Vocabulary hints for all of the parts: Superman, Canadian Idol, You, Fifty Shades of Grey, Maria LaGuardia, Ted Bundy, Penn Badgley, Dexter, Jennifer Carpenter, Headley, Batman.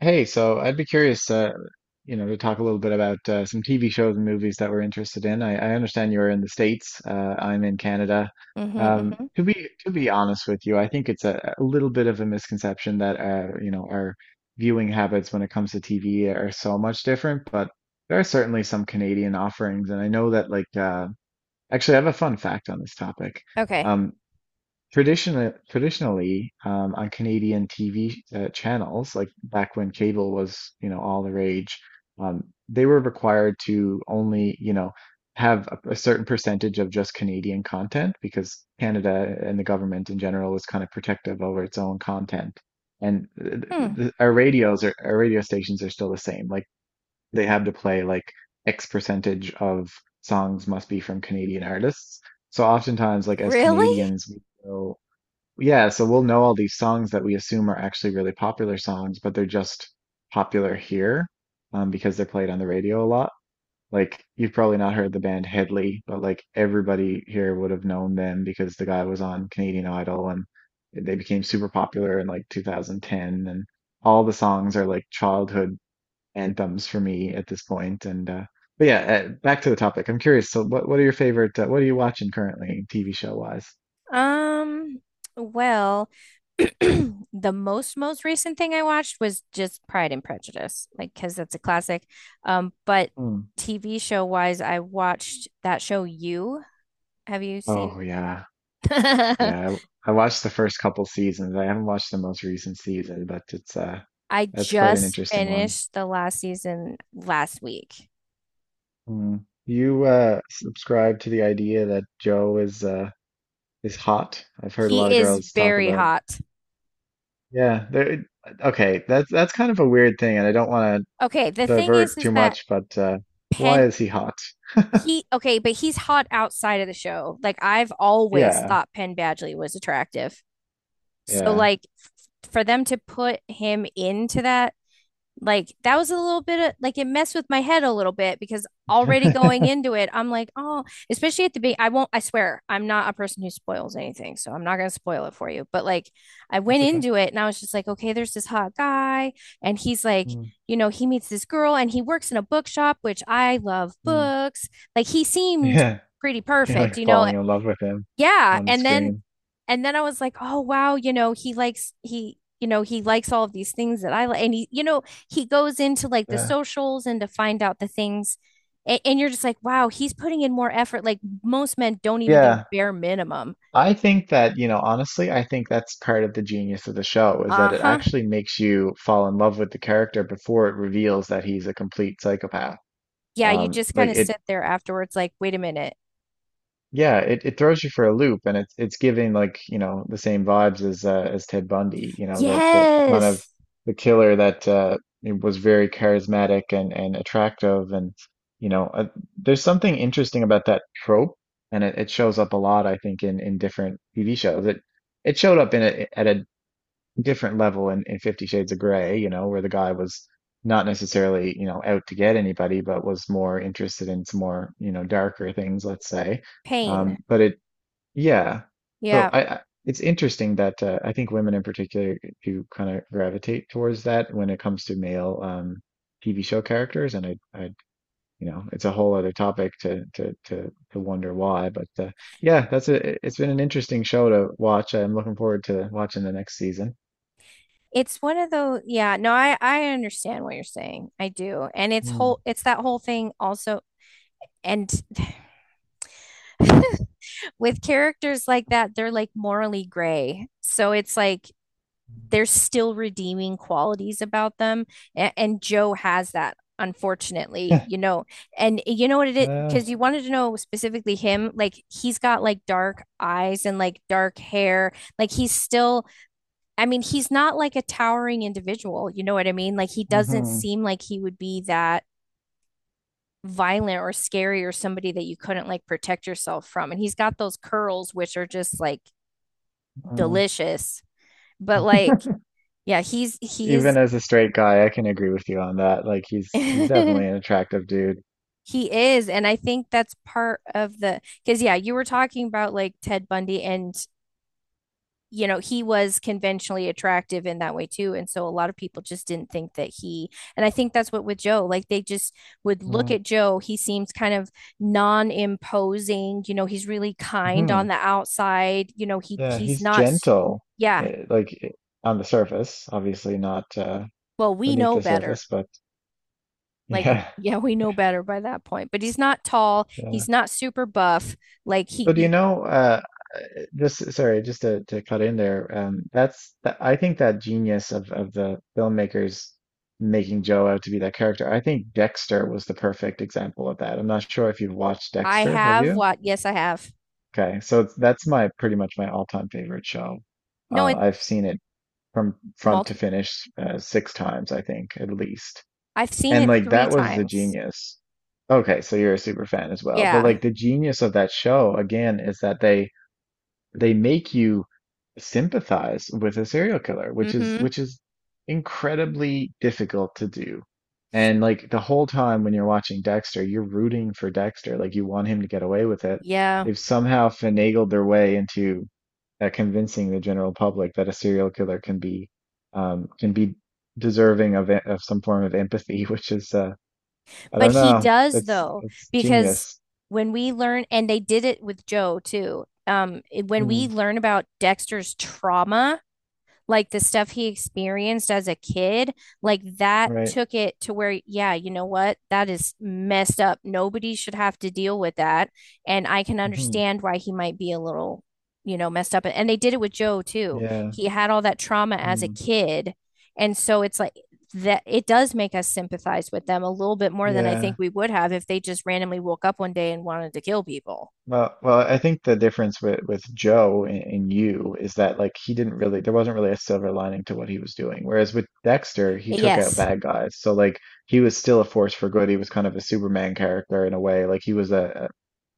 Hey, so I'd be curious, to talk a little bit about some TV shows and movies that we're interested in. I understand you're in the States. I'm in Canada. Mm-hmm, Um, mm-hmm. to be to be honest with you, I think it's a little bit of a misconception that our viewing habits when it comes to TV are so much different, but there are certainly some Canadian offerings, and I know that actually, I have a fun fact on this topic. Okay. Um, traditionally, on Canadian TV channels, like back when cable was, you know, all the rage, um, they were required to only, you know, have a certain percentage of just Canadian content because Canada and the government in general was kind of protective over its own content. And Hmm. Our our radio stations are still the same. Like they have to play like X percentage of songs must be from Canadian artists. So oftentimes, like as Really? Canadians, yeah, so we'll know all these songs that we assume are actually really popular songs, but they're just popular here because they're played on the radio a lot. Like, you've probably not heard the band Headley, but like everybody here would have known them because the guy was on Canadian Idol, and they became super popular in like 2010. And all the songs are like childhood anthems for me at this point. Back to the topic. I'm curious. So, what are your favorite, what are you watching currently, TV show wise? Um, well, the most recent thing I watched was just Pride and Prejudice, like because that's a classic. But Hmm. TV show wise, I watched that show You. Have you seen? Oh, yeah. I Yeah, I watched the first couple seasons. I haven't watched the most recent season, but it's that's quite an just interesting one. finished the last season last week. Mm. You subscribe to the idea that Joe is hot. I've heard a lot He of is girls talk very about it. hot. Yeah, there okay, that's kind of a weird thing and I don't want to Okay, the thing divert is too that much, but why pen. is he hot? He okay, but he's hot outside of the show. Like I've always Yeah. thought Penn Badgley was attractive. So Yeah. like for them to put him into that, like that was a little bit of, like, it messed with my head a little bit because already going That's into it, I'm like, oh, especially at the beginning. I won't, I swear, I'm not a person who spoils anything. So I'm not going to spoil it for you. But like I went okay. into it and I was just like, okay, there's this hot guy. And he's like, Mm, you know, he meets this girl and he works in a bookshop, which I love mm. books. Like he seemed Yeah, pretty you're perfect, like you know? falling in love with him Yeah. on the And then screen. and then I was like, oh wow, you know, he, you know, he likes all of these things that I like, and he, you know, he goes into like the Yeah. socials and to find out the things, and you're just like, wow, he's putting in more effort. Like most men don't even do Yeah. bare minimum. I think that, you know, honestly, I think that's part of the genius of the show is Uh that it huh. actually makes you fall in love with the character before it reveals that he's a complete psychopath. Yeah, you Um, just kind like of it, sit there afterwards, like, wait a minute. yeah, it throws you for a loop and it's giving like, you know, the same vibes as Ted Bundy, you know, that the kind of Yes, the killer that was very charismatic and attractive and you know, there's something interesting about that trope, and it shows up a lot I think in different TV shows. It showed up in a different level in Fifty Shades of Grey, you know, where the guy was not necessarily, you know, out to get anybody, but was more interested in some more, you know, darker things, let's say. Um, pain. but it, yeah. So Yeah. I it's interesting that I think women in particular do kind of gravitate towards that when it comes to male TV show characters, and you know, it's a whole other topic to wonder why. But yeah, it's been an interesting show to watch. I'm looking forward to watching the next season. It's one of those, yeah, no, I understand what you're saying. I do. And it's that whole thing also and with characters like that, they're like morally gray. So it's like there's still redeeming qualities about them. And Joe has that, unfortunately, you know. And eh, you know what it is? Uh, Because you wanted to know specifically him, like he's got like dark eyes and like dark hair. Like he's still, I mean, he's not like a towering individual. You know what I mean? Like he doesn't mhm, seem like he would be that violent or scary or somebody that you couldn't like protect yourself from. And he's got those curls, which are just like uh, delicious. But like, yeah, he's even he's as a straight guy, I can agree with you on that. Like he's he definitely an attractive dude. is, and I think that's part of the, because yeah, you were talking about like Ted Bundy, and you know he was conventionally attractive in that way too, and so a lot of people just didn't think that he, and I think that's what with Joe, like they just would look Mm at Joe, he seems kind of non-imposing, you know, he's really kind on hmm. the outside, you know, he Yeah, he's he's not, gentle. yeah, eh, like eh, on the surface, obviously not well, we beneath know the better. surface, but Like, yeah, yeah, we know better by that point. But he's not tall. yeah. He's not super buff. Like he, So do you you, know? Just sorry, just to, cut in there. I think that genius of the filmmakers making Joe out to be that character. I think Dexter was the perfect example of that. I'm not sure if you've watched I Dexter, have have you? what? Yes, I have. Okay, so that's my pretty much my all-time favorite show. No, it I've seen it from front to multiple. finish six times, I think, at least. I've seen And it like three that was the times. genius. Okay, so you're a super fan as well. But Yeah. like the genius of that show again is that they make you sympathize with a serial killer, which Mm-hmm. Is incredibly difficult to do. And like the whole time when you're watching Dexter, you're rooting for Dexter, like you want him to get away with it. Yeah. They've somehow finagled their way into convincing the general public that a serial killer can be deserving of some form of empathy, which is I But don't he know. does though, It's because genius. when we learn, and they did it with Joe too. It- when we Mm, learn about Dexter's trauma, like the stuff he experienced as a kid, like that right. took it to where, yeah, you know what? That is messed up. Nobody should have to deal with that. And I can Hmm. understand why he might be a little, you know, messed up. And they did it with Joe too. Yeah. He had all that trauma as a Mm, kid. And so it's like that it does make us sympathize with them a little bit more than I yeah. think we would have if they just randomly woke up one day and wanted to kill people. Well, I think the difference with Joe and you is that like he didn't really there wasn't really a silver lining to what he was doing. Whereas with Dexter, he took out Yes, bad guys. So like he was still a force for good. He was kind of a Superman character in a way. Like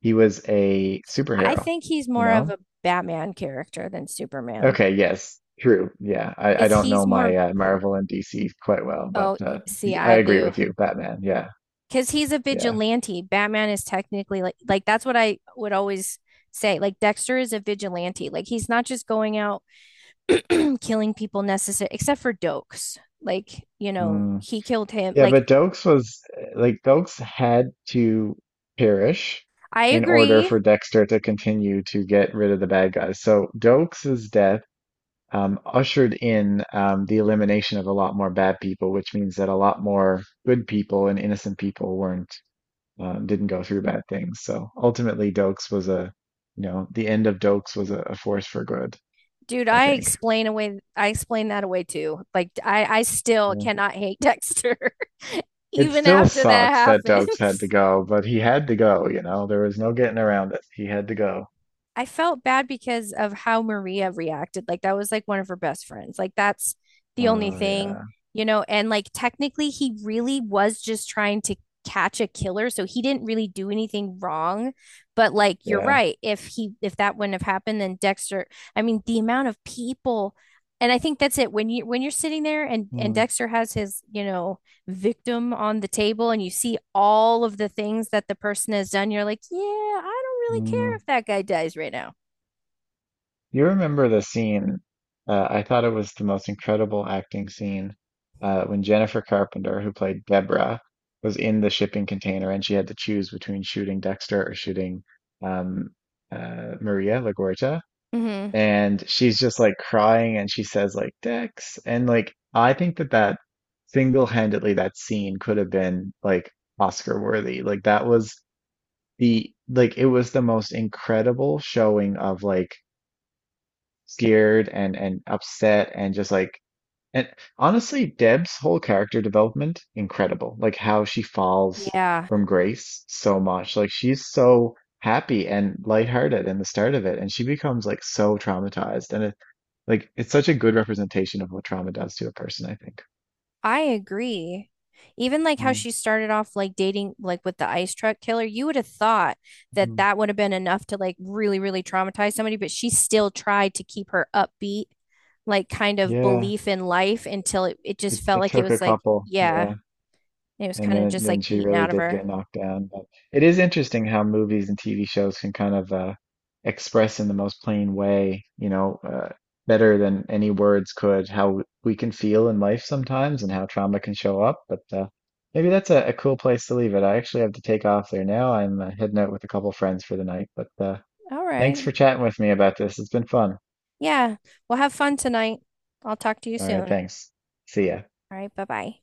he was a I superhero, think he's you more of know? a Batman character than Superman. Okay, yes. True. Yeah. I Because don't he's know more, my Marvel and DC quite well, but oh, see, I I agree do. with you, Batman. Yeah. Because he's a Yeah. vigilante. Batman is technically like that's what I would always say. Like Dexter is a vigilante. Like he's not just going out and killing people necessary, except for Dokes. Like, you know, Mm. he killed him. Yeah, Like, but Dokes was like Dokes had to perish I in order agree. for Dexter to continue to get rid of the bad guys. So Dokes's death ushered in the elimination of a lot more bad people, which means that a lot more good people and innocent people weren't didn't go through bad things. So ultimately, Dokes was a you know the end of Dokes was a force for good, Dude, I think. I explain that away too. Like, I still Yeah. cannot hate Dexter, It even still after that sucks that Dokes had to happens. go, but he had to go, you know. There was no getting around it. He had to go. I felt bad because of how Maria reacted. Like that was like one of her best friends. Like that's the only Oh thing, yeah, you know, and like technically he really was just trying to catch a killer, so he didn't really do anything wrong. But like you're yeah. right, if he, if that wouldn't have happened, then Dexter, I mean the amount of people, and I think that's it, when you're sitting there, and Mm, Dexter has his, you know, victim on the table and you see all of the things that the person has done, you're like, yeah, I don't really care mm. if that guy dies right now. You remember the scene? I thought it was the most incredible acting scene when Jennifer Carpenter, who played Deborah, was in the shipping container and she had to choose between shooting Dexter or shooting um, Maria LaGuardia. Hmm. And she's just like crying and she says like Dex and like I think that that single-handedly that scene could have been like Oscar worthy, like that was the like it was the most incredible showing of like scared and upset and just like and honestly Deb's whole character development incredible like how she falls Yeah, from grace so much like she's so happy and lighthearted in the start of it and she becomes like so traumatized and like it's such a good representation of what trauma does to a person, I think. I agree. Even like how Mm. she started off like dating like with the ice truck killer, you would have thought that Mm. that would have been enough to like really, really traumatize somebody, but she still tried to keep her upbeat, like kind of Yeah, belief in life until it just felt it like it took a was like, couple, yeah, yeah, it was and kind of just then like she beaten really out of did her. get knocked down. But it is interesting how movies and TV shows can kind of express in the most plain way, you know, better than any words could, how we can feel in life sometimes and how trauma can show up. But maybe that's a cool place to leave it. I actually have to take off there now. I'm heading out with a couple friends for the night, but All thanks right. for chatting with me about this. It's been fun. Yeah. Well, have fun tonight. I'll talk to you All right, soon. thanks. See ya. All right. Bye bye.